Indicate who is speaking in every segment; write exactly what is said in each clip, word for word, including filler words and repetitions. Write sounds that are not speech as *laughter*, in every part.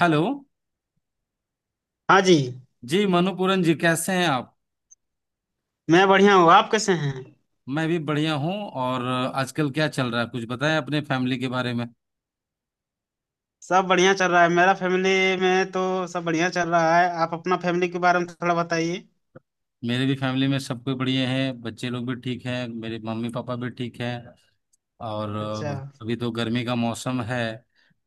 Speaker 1: Hello.
Speaker 2: हाँ जी।
Speaker 1: जी मनुपूरन जी कैसे हैं आप।
Speaker 2: मैं बढ़िया हूँ, आप कैसे हैं?
Speaker 1: मैं भी बढ़िया हूँ। और आजकल क्या चल रहा है कुछ बताएं अपने फैमिली के बारे में।
Speaker 2: सब बढ़िया चल रहा है, मेरा फैमिली में तो सब बढ़िया चल रहा है। आप अपना फैमिली के बारे में थोड़ा बताइए।
Speaker 1: मेरे भी फैमिली में सब कोई बढ़िया है, बच्चे लोग भी ठीक हैं, मेरे मम्मी पापा भी ठीक हैं। और
Speaker 2: अच्छा
Speaker 1: अभी तो गर्मी का मौसम है,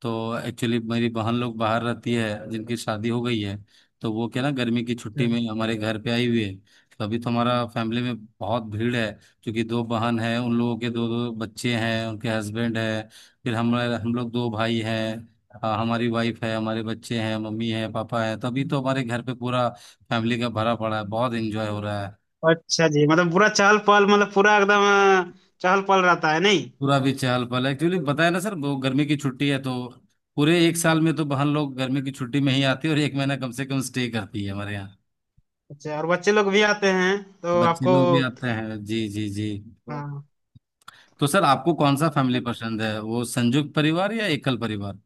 Speaker 1: तो एक्चुअली मेरी बहन लोग बाहर रहती है जिनकी शादी हो गई है। तो वो क्या ना, गर्मी की छुट्टी
Speaker 2: अच्छा।
Speaker 1: में हमारे घर पे आई हुई है। तो अभी तो हमारा फैमिली में बहुत भीड़ है, क्योंकि दो बहन है, उन लोगों के दो दो बच्चे हैं, उनके हस्बैंड है। फिर हम हम लोग दो भाई हैं, अ, हमारी वाइफ है, हमारे बच्चे हैं, मम्मी है, पापा है, तो अभी तो हमारे घर पे पूरा फैमिली का भरा पड़ा है, बहुत एंजॉय हो रहा है।
Speaker 2: अच्छा जी, मतलब पूरा चहल पहल, मतलब पूरा एकदम अ, चहल पहल रहता है नहीं?
Speaker 1: पूरा भी चहल पहल है। एक्चुअली बताया ना सर, वो गर्मी की छुट्टी है, तो पूरे एक साल में तो बहन लोग गर्मी की छुट्टी में ही आती है, और एक महीना कम से कम स्टे करती है हमारे यहाँ।
Speaker 2: अच्छा, और बच्चे लोग भी आते हैं तो
Speaker 1: बच्चे
Speaker 2: आपको।
Speaker 1: लोग भी आते हैं, जी जी जी।
Speaker 2: हाँ,
Speaker 1: तो सर, आपको कौन सा फैमिली पसंद है, वो संयुक्त परिवार या एकल परिवार।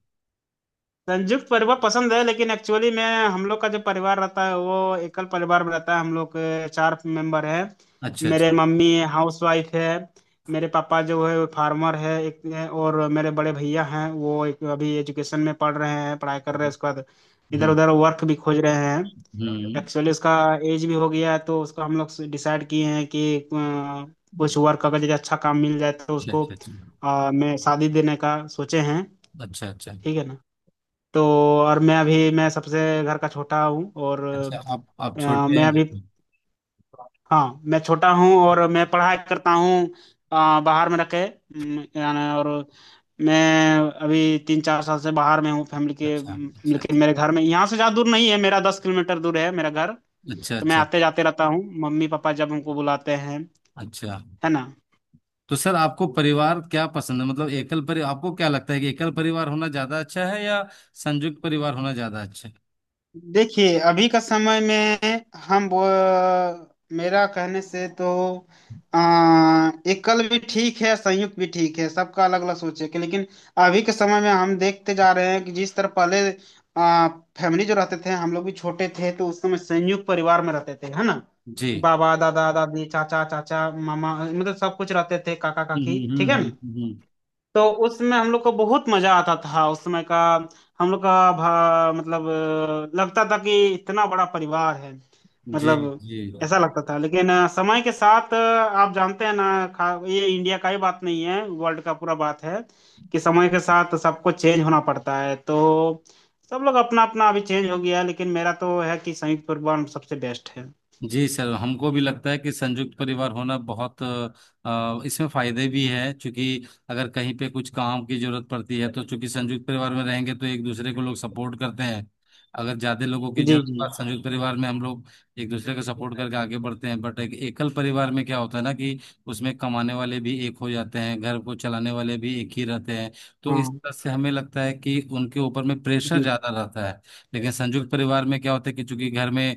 Speaker 2: संयुक्त परिवार पसंद है, लेकिन एक्चुअली में हम लोग का जो परिवार रहता है वो एकल परिवार में रहता है। हम लोग अ, चार मेंबर हैं।
Speaker 1: अच्छा अच्छा।
Speaker 2: मेरे मम्मी हाउस वाइफ है, मेरे पापा जो है वो फार्मर है एक है, और मेरे बड़े भैया हैं वो एक अभी एजुकेशन में पढ़ रहे हैं, पढ़ाई कर रहे हैं। उसके बाद इधर
Speaker 1: हम्म
Speaker 2: उधर वर्क भी खोज रहे हैं।
Speaker 1: हम्म।
Speaker 2: एक्चुअली उसका एज भी हो गया है, तो उसको हम लोग डिसाइड किए हैं कि अ, कुछ वर्क अगर जैसे अच्छा काम मिल जाए तो
Speaker 1: अच्छा
Speaker 2: उसको
Speaker 1: अच्छा अच्छा
Speaker 2: अ, मैं शादी देने का सोचे हैं।
Speaker 1: अच्छा अच्छा
Speaker 2: ठीक है ना। तो और मैं अभी मैं सबसे घर का छोटा हूँ और
Speaker 1: अच्छा, आप आप
Speaker 2: अ,
Speaker 1: छोटे
Speaker 2: मैं अभी
Speaker 1: हैं।
Speaker 2: हाँ मैं छोटा हूँ और मैं पढ़ाई करता हूँ। अ, बाहर में रखे, अम, यानी और मैं अभी तीन चार साल से बाहर में हूँ फैमिली के,
Speaker 1: अच्छा
Speaker 2: अम,
Speaker 1: अच्छा
Speaker 2: लेकिन
Speaker 1: अच्छा
Speaker 2: मेरे घर में यहाँ से ज़्यादा दूर नहीं है, मेरा दस किलोमीटर दूर है मेरा घर।
Speaker 1: अच्छा
Speaker 2: तो मैं
Speaker 1: अच्छा
Speaker 2: आते जाते रहता हूँ, मम्मी पापा जब हमको बुलाते हैं।
Speaker 1: अच्छा।
Speaker 2: है ना।
Speaker 1: तो सर आपको परिवार क्या पसंद है, मतलब एकल परिवार, आपको क्या लगता है कि एकल परिवार होना ज्यादा अच्छा है या संयुक्त परिवार होना ज्यादा अच्छा है।
Speaker 2: देखिए अभी का समय में हम वो, मेरा कहने से तो आ, एकल भी ठीक है, संयुक्त भी ठीक है, सबका अलग अलग सोच है कि। लेकिन अभी के समय में हम देखते जा रहे हैं कि जिस तरह पहले आ, फैमिली जो रहते थे, हम लोग भी छोटे थे तो उस समय संयुक्त परिवार में रहते थे। है ना।
Speaker 1: जी।
Speaker 2: बाबा दादा दादी चाचा चाचा मामा, मतलब सब कुछ रहते थे, काका काकी।
Speaker 1: हम्म हम्म
Speaker 2: ठीक है
Speaker 1: हम्म
Speaker 2: ना।
Speaker 1: हम्म, हम्म।
Speaker 2: तो उसमें हम लोग को बहुत मजा आता था उस समय का। हम लोग का भा, मतलब अ, लगता था कि इतना बड़ा परिवार है,
Speaker 1: जी
Speaker 2: मतलब
Speaker 1: जी
Speaker 2: ऐसा लगता था। लेकिन अ, समय के साथ, अ, आप जानते हैं ना, खा, ये इंडिया का ही बात नहीं है, वर्ल्ड का पूरा बात है कि समय के साथ सबको चेंज होना पड़ता है। तो सब लोग अपना अपना अभी चेंज हो गया है, लेकिन मेरा तो है कि संयुक्त परिवार सबसे बेस्ट है।
Speaker 1: जी सर, हमको भी लगता है कि संयुक्त परिवार होना बहुत अ, इसमें फायदे भी हैं, क्योंकि अगर कहीं पे कुछ काम की जरूरत पड़ती है, तो चूंकि संयुक्त परिवार में रहेंगे, तो एक दूसरे को लोग सपोर्ट करते हैं। अगर ज्यादा लोगों की
Speaker 2: जी
Speaker 1: जरूरत
Speaker 2: जी।
Speaker 1: पड़े, संयुक्त परिवार में हम लोग एक दूसरे का सपोर्ट करके आगे बढ़ते हैं। बट एक एकल परिवार में क्या होता है ना, कि उसमें कमाने वाले भी एक हो जाते हैं, घर को चलाने वाले भी एक ही रहते हैं। तो इस
Speaker 2: हाँ
Speaker 1: तरह से हमें लगता है कि उनके ऊपर में प्रेशर
Speaker 2: जी,
Speaker 1: ज्यादा रहता है। लेकिन संयुक्त परिवार में क्या होता है कि चूंकि घर में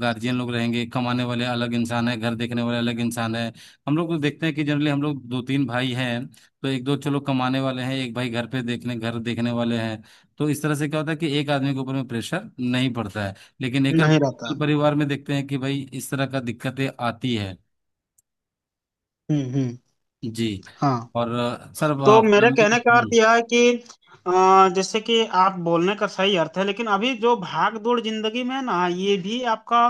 Speaker 1: गार्जियन लोग रहेंगे, कमाने वाले अलग इंसान है, घर देखने वाले अलग इंसान है। हम लोग को देखते हैं कि जनरली हम लोग दो तीन भाई हैं, तो एक दो चलो कमाने वाले हैं, एक भाई घर पे देखने, घर देखने वाले हैं। तो इस तरह से क्या होता है कि एक आदमी के ऊपर में प्रेशर नहीं पड़ता है। लेकिन एक
Speaker 2: नहीं रहता।
Speaker 1: परिवार में देखते हैं कि भाई इस तरह का दिक्कतें आती है।
Speaker 2: हम्म हम्म।
Speaker 1: जी।
Speaker 2: हाँ,
Speaker 1: और अ, सर अ,
Speaker 2: तो मेरे
Speaker 1: फैमिली
Speaker 2: कहने का अर्थ
Speaker 1: हम्म,
Speaker 2: यह है कि अ, जैसे कि आप बोलने का सही अर्थ है, लेकिन अभी जो भाग दौड़ जिंदगी में है ना, ये भी आपका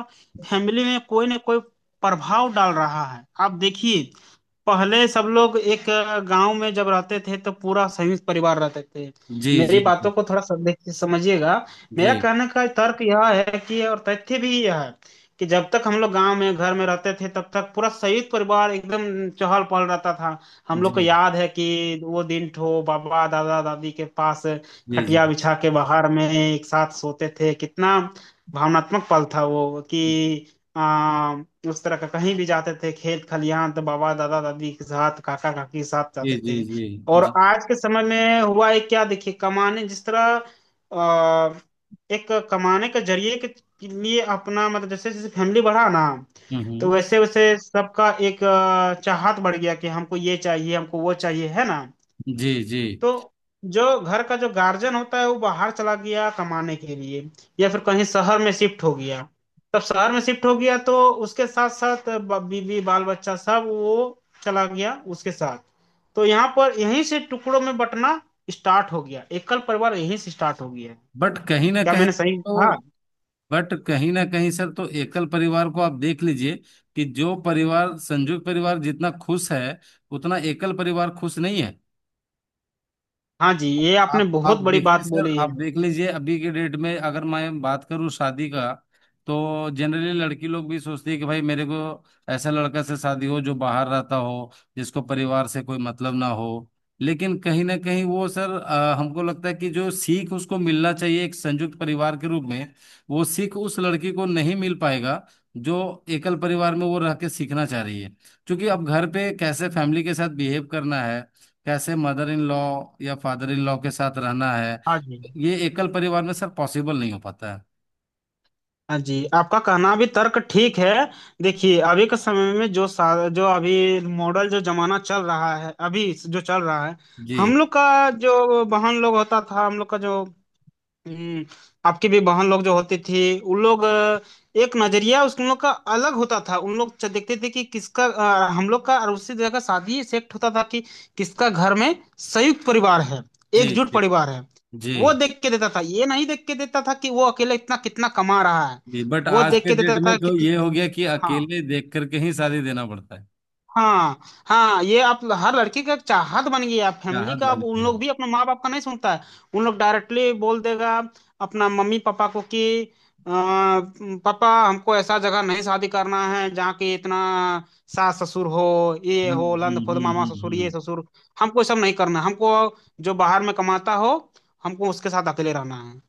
Speaker 2: फैमिली में कोई ना कोई प्रभाव डाल रहा है। आप देखिए, पहले सब लोग एक गांव में जब रहते थे तो पूरा संयुक्त परिवार रहते थे।
Speaker 1: जी
Speaker 2: मेरी
Speaker 1: जी जी
Speaker 2: बातों को थोड़ा सब देख समझिएगा।
Speaker 1: जी
Speaker 2: मेरा कहने का तर्क यह है, कि और तथ्य भी यह है कि जब तक हम लोग गांव में घर में रहते थे, तब तक पूरा संयुक्त परिवार एकदम चहल पहल रहता था। हम लोग को
Speaker 1: जी
Speaker 2: याद है कि वो दिन ठो बाबा दादा दादी के पास
Speaker 1: जी जी
Speaker 2: खटिया बिछा के बाहर में एक साथ सोते थे। कितना भावनात्मक पल था वो। कि आ, उस तरह का कहीं भी जाते थे, खेत खलिहान तो बाबा दादा दादी के साथ, काका काकी के साथ
Speaker 1: जी
Speaker 2: जाते
Speaker 1: जी
Speaker 2: थे।
Speaker 1: जी
Speaker 2: और
Speaker 1: जी,
Speaker 2: आज के समय में हुआ है क्या, देखिए कमाने जिस तरह आ, एक कमाने के जरिए के लिए अपना, मतलब जैसे जैसे फैमिली बढ़ा ना,
Speaker 1: हम्म,
Speaker 2: तो
Speaker 1: हम्म,
Speaker 2: वैसे वैसे सबका एक अ, चाहत बढ़ गया कि हमको ये चाहिए हमको वो चाहिए। है ना।
Speaker 1: जी जी।
Speaker 2: तो जो घर का जो गार्जियन होता है वो बाहर चला गया कमाने के लिए, या फिर कहीं शहर में शिफ्ट हो गया। तब शहर में शिफ्ट हो गया तो उसके साथ साथ बीवी बाल बच्चा सब वो चला गया उसके साथ। तो यहाँ पर यहीं से टुकड़ों में बंटना स्टार्ट हो गया, एकल परिवार यहीं से स्टार्ट हो गया।
Speaker 1: बट कहीं ना
Speaker 2: क्या
Speaker 1: कहीं
Speaker 2: मैंने सही कहा?
Speaker 1: तो बट कहीं ना कहीं सर, तो एकल परिवार को आप देख लीजिए कि जो परिवार संयुक्त परिवार जितना खुश है, उतना एकल परिवार खुश नहीं है।
Speaker 2: हाँ जी, ये आपने
Speaker 1: आप
Speaker 2: बहुत
Speaker 1: आप
Speaker 2: बड़ी
Speaker 1: देखिए
Speaker 2: बात
Speaker 1: सर,
Speaker 2: बोली
Speaker 1: आप
Speaker 2: है।
Speaker 1: देख लीजिए, अभी के डेट में अगर मैं बात करूं शादी का, तो जनरली लड़की लोग भी सोचती है कि भाई मेरे को ऐसा लड़का से शादी हो जो बाहर रहता हो, जिसको परिवार से कोई मतलब ना हो। लेकिन कहीं ना कहीं वो सर अ, हमको लगता है कि जो सीख उसको मिलना चाहिए एक संयुक्त परिवार के रूप में, वो सीख उस लड़की को नहीं मिल पाएगा जो एकल परिवार में वो रह के सीखना चाह रही है। क्योंकि अब घर पे कैसे फैमिली के साथ बिहेव करना है, कैसे मदर इन लॉ या फादर इन लॉ के साथ रहना है,
Speaker 2: हाँ जी।
Speaker 1: ये एकल परिवार में सर पॉसिबल नहीं हो पाता है।
Speaker 2: हाँ जी, आपका कहना भी तर्क ठीक है। देखिए अभी के समय में जो सा, जो अभी मॉडल जो जमाना चल रहा है अभी जो चल रहा है,
Speaker 1: जी
Speaker 2: हम लोग का जो बहन लोग होता था, हम लोग का जो, हम्म, आपकी भी बहन लोग जो होती थी, उन लोग अ, एक नजरिया उस उन लोग का अलग होता था। उन लोग च- देखते थे कि किसका अ, हम लोग का, और उसी जगह शादी सेट होता था कि किसका घर में संयुक्त परिवार है,
Speaker 1: जी
Speaker 2: एकजुट
Speaker 1: जी
Speaker 2: परिवार है।
Speaker 1: जी
Speaker 2: वो देख के देता था, ये नहीं देख के देता था कि वो अकेले इतना कितना कमा रहा है।
Speaker 1: जी। बट
Speaker 2: वो
Speaker 1: आज
Speaker 2: देख
Speaker 1: के
Speaker 2: के
Speaker 1: डेट
Speaker 2: देता था
Speaker 1: में तो
Speaker 2: कि,
Speaker 1: ये हो गया कि
Speaker 2: हाँ
Speaker 1: अकेले देख करके ही शादी देना पड़ता है।
Speaker 2: हाँ। हाँ, ये आप हर लड़की का एक चाहत बन गई है फैमिली
Speaker 1: चाहत
Speaker 2: का। अब
Speaker 1: बनी
Speaker 2: उन
Speaker 1: है।
Speaker 2: लोग भी अपने माँ बाप का नहीं सुनता है, उन लोग डायरेक्टली बोल देगा अपना मम्मी पापा को कि, अ, पापा हमको ऐसा जगह नहीं शादी करना है जहाँ के इतना सास ससुर हो, ये
Speaker 1: हम्म
Speaker 2: हो लंद फुंद
Speaker 1: हम्म
Speaker 2: मामा
Speaker 1: हम्म
Speaker 2: ससुर
Speaker 1: हम्म
Speaker 2: ये
Speaker 1: हम्म।
Speaker 2: ससुर, हमको ये सब नहीं करना है। हमको जो बाहर में कमाता हो, हमको उसके साथ अकेले रहना है।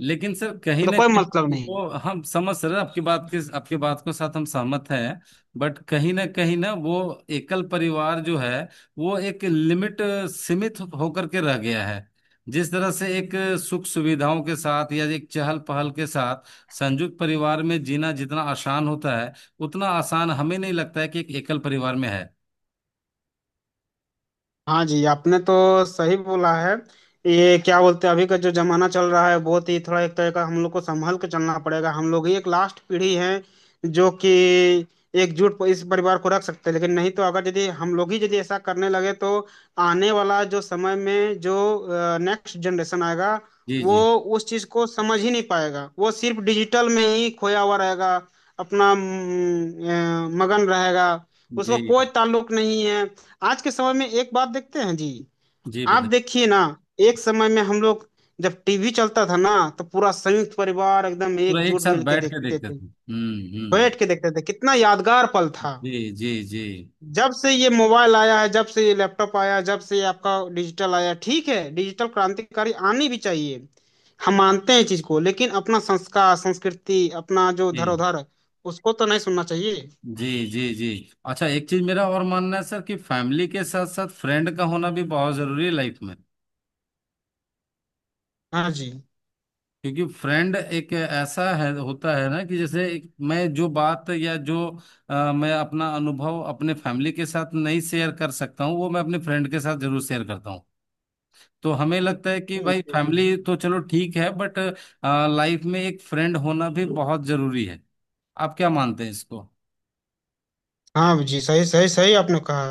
Speaker 1: लेकिन सर कहीं
Speaker 2: मतलब
Speaker 1: ना
Speaker 2: कोई मतलब
Speaker 1: कहीं
Speaker 2: नहीं।
Speaker 1: वो हम समझ रहे हैं, आपकी बात के आपकी बात को साथ हम सहमत हैं। बट कहीं ना कहीं ना वो एकल परिवार जो है, वो एक लिमिट, अ, सीमित होकर के रह गया है। जिस तरह से एक अ, सुख सुविधाओं के साथ या एक चहल पहल के साथ संयुक्त परिवार में जीना जितना आसान होता है, उतना आसान हमें नहीं लगता है कि एक एकल परिवार में है।
Speaker 2: हाँ जी, आपने तो सही बोला है। ये क्या बोलते हैं, अभी का जो जमाना चल रहा है बहुत ही थोड़ा एक तरह का, हम लोग को संभल के चलना पड़ेगा। हम लोग ही एक लास्ट पीढ़ी है जो कि एकजुट इस परिवार को रख सकते हैं, लेकिन नहीं तो अगर यदि हम लोग ही यदि ऐसा करने लगे तो आने वाला जो समय में जो नेक्स्ट जनरेशन आएगा,
Speaker 1: जी
Speaker 2: वो
Speaker 1: जी।
Speaker 2: उस चीज को समझ ही नहीं पाएगा। वो सिर्फ डिजिटल में ही खोया हुआ रहेगा, अपना अम, अ, मगन रहेगा, उसको
Speaker 1: जी
Speaker 2: कोई ताल्लुक नहीं है। आज के समय में एक बात देखते हैं जी।
Speaker 1: जी
Speaker 2: आप
Speaker 1: बताइए।
Speaker 2: देखिए ना, एक समय में हम लोग जब टीवी चलता था ना, तो पूरा संयुक्त परिवार एकदम
Speaker 1: पूरा एक
Speaker 2: एकजुट
Speaker 1: साथ
Speaker 2: मिलके
Speaker 1: बैठ के
Speaker 2: देखते
Speaker 1: देखते
Speaker 2: थे,
Speaker 1: थे, हम्म हम्म।
Speaker 2: बैठ के देखते थे। कितना यादगार पल था।
Speaker 1: जी जी जी
Speaker 2: जब से ये मोबाइल आया है, जब से ये लैपटॉप आया, जब से ये आपका डिजिटल आया, ठीक है डिजिटल क्रांतिकारी आनी भी चाहिए, हम मानते हैं चीज को, लेकिन अपना संस्कार संस्कृति अपना जो
Speaker 1: जी
Speaker 2: धरोहर, उसको तो नहीं सुनना चाहिए।
Speaker 1: जी जी जी। अच्छा एक चीज मेरा और मानना है सर, कि फैमिली के साथ साथ फ्रेंड का होना भी बहुत जरूरी है लाइफ में।
Speaker 2: हाँ जी।
Speaker 1: क्योंकि फ्रेंड एक ऐसा है होता है ना, कि जैसे एक- मैं जो बात या जो अ, मैं अपना अनुभव अपने फैमिली के साथ नहीं शेयर कर सकता हूँ, वो मैं अपने फ्रेंड के साथ जरूर शेयर करता हूँ। तो हमें लगता है कि
Speaker 2: हम्म,
Speaker 1: भाई
Speaker 2: जी, जी।
Speaker 1: फैमिली तो चलो ठीक है, बट लाइफ में एक फ्रेंड होना भी बहुत जरूरी है। आप क्या मानते हैं इसको।
Speaker 2: हाँ जी, सही सही सही आपने कहा।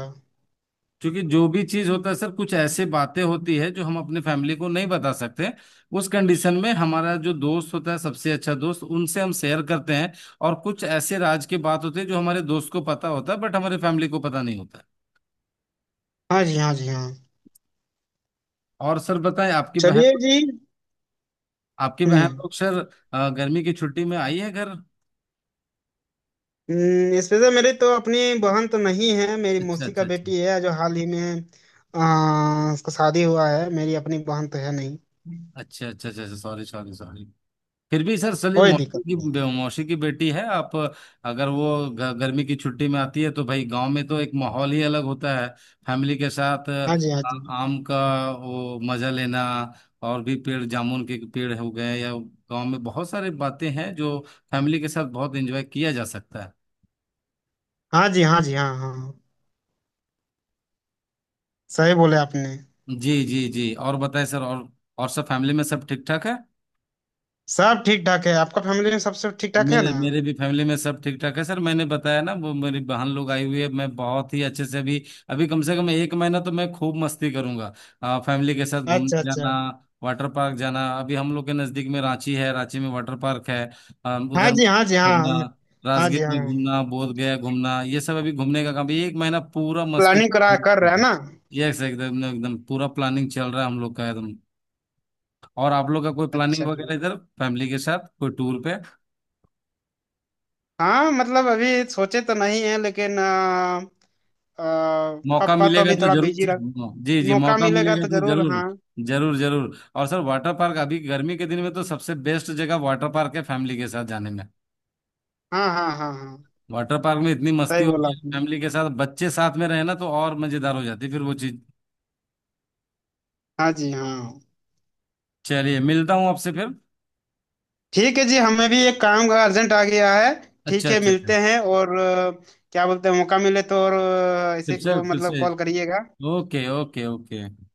Speaker 1: क्योंकि जो भी चीज होता है सर, कुछ ऐसे बातें होती है जो हम अपने फैमिली को नहीं बता सकते, उस कंडीशन में हमारा जो दोस्त होता है, सबसे अच्छा दोस्त, उनसे हम शेयर करते हैं। और कुछ ऐसे राज की बात होती है जो हमारे दोस्त को पता होता है बट हमारे फैमिली को पता नहीं होता।
Speaker 2: हाँ जी हाँ जी हाँ।
Speaker 1: और सर बताएं आपकी बहन
Speaker 2: चलिए जी।
Speaker 1: आपकी बहन
Speaker 2: हम्म।
Speaker 1: लोग सर अ, गर्मी की छुट्टी में आई है घर।
Speaker 2: हम्म, स्पेशल मेरी तो अपनी बहन तो नहीं है, मेरी
Speaker 1: अच्छा
Speaker 2: मौसी का
Speaker 1: अच्छा अच्छा
Speaker 2: बेटी है जो हाल ही में आ, उसका शादी हुआ है, मेरी अपनी बहन तो है नहीं।
Speaker 1: अच्छा अच्छा अच्छा, सॉरी सॉरी सॉरी। फिर भी सर सलीम,
Speaker 2: कोई
Speaker 1: मौसी
Speaker 2: दिक्कत
Speaker 1: की
Speaker 2: नहीं।
Speaker 1: मौसी की बेटी है आप। अगर वो ग- गर्मी की छुट्टी में आती है, तो भाई गांव में तो एक माहौल ही अलग होता है। फैमिली के साथ
Speaker 2: हाँ जी हाँ
Speaker 1: आ-
Speaker 2: जी।
Speaker 1: आम का वो मजा लेना, और भी पेड़, जामुन के पेड़ हो गए, या गांव में बहुत सारी बातें हैं जो फैमिली के साथ बहुत एंजॉय किया जा सकता है।
Speaker 2: हाँ जी हाँ जी हाँ हाँ, सही बोले आपने।
Speaker 1: जी जी जी और बताएं सर, और और सब फैमिली में सब ठीक ठाक है।
Speaker 2: सब ठीक ठाक है, आपका फैमिली में सब सब ठीक ठाक है
Speaker 1: मेरे
Speaker 2: ना?
Speaker 1: मेरे भी फैमिली में सब ठीक ठाक है सर, मैंने बताया ना, वो मेरी बहन लोग आई हुई है, मैं बहुत ही अच्छे से अभी, अभी कम से कम एक महीना तो मैं खूब मस्ती करूंगा। आ, फैमिली के साथ घूमने
Speaker 2: अच्छा
Speaker 1: जाना,
Speaker 2: अच्छा।
Speaker 1: वाटर पार्क जाना, अभी हम लोग के नजदीक में रांची है, रांची में वाटर पार्क है। अ,
Speaker 2: हाँ
Speaker 1: उधर
Speaker 2: जी हाँ जी हाँ हम-,
Speaker 1: करना,
Speaker 2: हाँ जी
Speaker 1: राजगीर में
Speaker 2: हाँ,
Speaker 1: घूमना, बोध गया घूमना, ये सब अभी घूमने का काम, एक महीना पूरा मस्ती।
Speaker 2: प्लानिंग करा कर रहे हैं
Speaker 1: *laughs*
Speaker 2: ना।
Speaker 1: यस, एकदम एकदम पूरा प्लानिंग चल रहा है हम लोग का, एकदम। और आप लोग का कोई प्लानिंग
Speaker 2: अच्छा जी,
Speaker 1: वगैरह, इधर फैमिली के साथ कोई टूर।
Speaker 2: हाँ मतलब अभी सोचे तो नहीं है, लेकिन अ,
Speaker 1: मौका
Speaker 2: पापा तो
Speaker 1: मिलेगा
Speaker 2: अभी
Speaker 1: तो
Speaker 2: थोड़ा
Speaker 1: जरूर
Speaker 2: बिजी
Speaker 1: से-
Speaker 2: रह,
Speaker 1: हाँ। जी जी
Speaker 2: मौका
Speaker 1: मौका
Speaker 2: मिलेगा
Speaker 1: मिलेगा
Speaker 2: तो
Speaker 1: तो
Speaker 2: जरूर।
Speaker 1: जरूर।
Speaker 2: हाँ
Speaker 1: जरूर जरूर। और सर वाटर पार्क अभी गर्मी के दिन में तो सबसे बेस्ट जगह वाटर पार्क है, फैमिली के साथ जाने में।
Speaker 2: हाँ हाँ हाँ हाँ,
Speaker 1: वाटर पार्क में इतनी मस्ती
Speaker 2: सही बोला
Speaker 1: होती है,
Speaker 2: आपने।
Speaker 1: फैमिली के साथ बच्चे साथ में रहे ना, तो और मजेदार हो जाती है फिर वो चीज।
Speaker 2: हाँ जी हाँ।
Speaker 1: चलिए, मिलता हूँ आपसे फिर।
Speaker 2: ठीक है जी, हमें भी एक काम का अर्जेंट आ गया है।
Speaker 1: अच्छा
Speaker 2: ठीक है
Speaker 1: अच्छा अच्छा,
Speaker 2: मिलते हैं, और अ, क्या बोलते हैं मौका मिले तो, और अ,
Speaker 1: फिर
Speaker 2: ऐसे
Speaker 1: से
Speaker 2: को
Speaker 1: फिर
Speaker 2: मतलब
Speaker 1: से,
Speaker 2: कॉल करिएगा।
Speaker 1: Okay okay okay.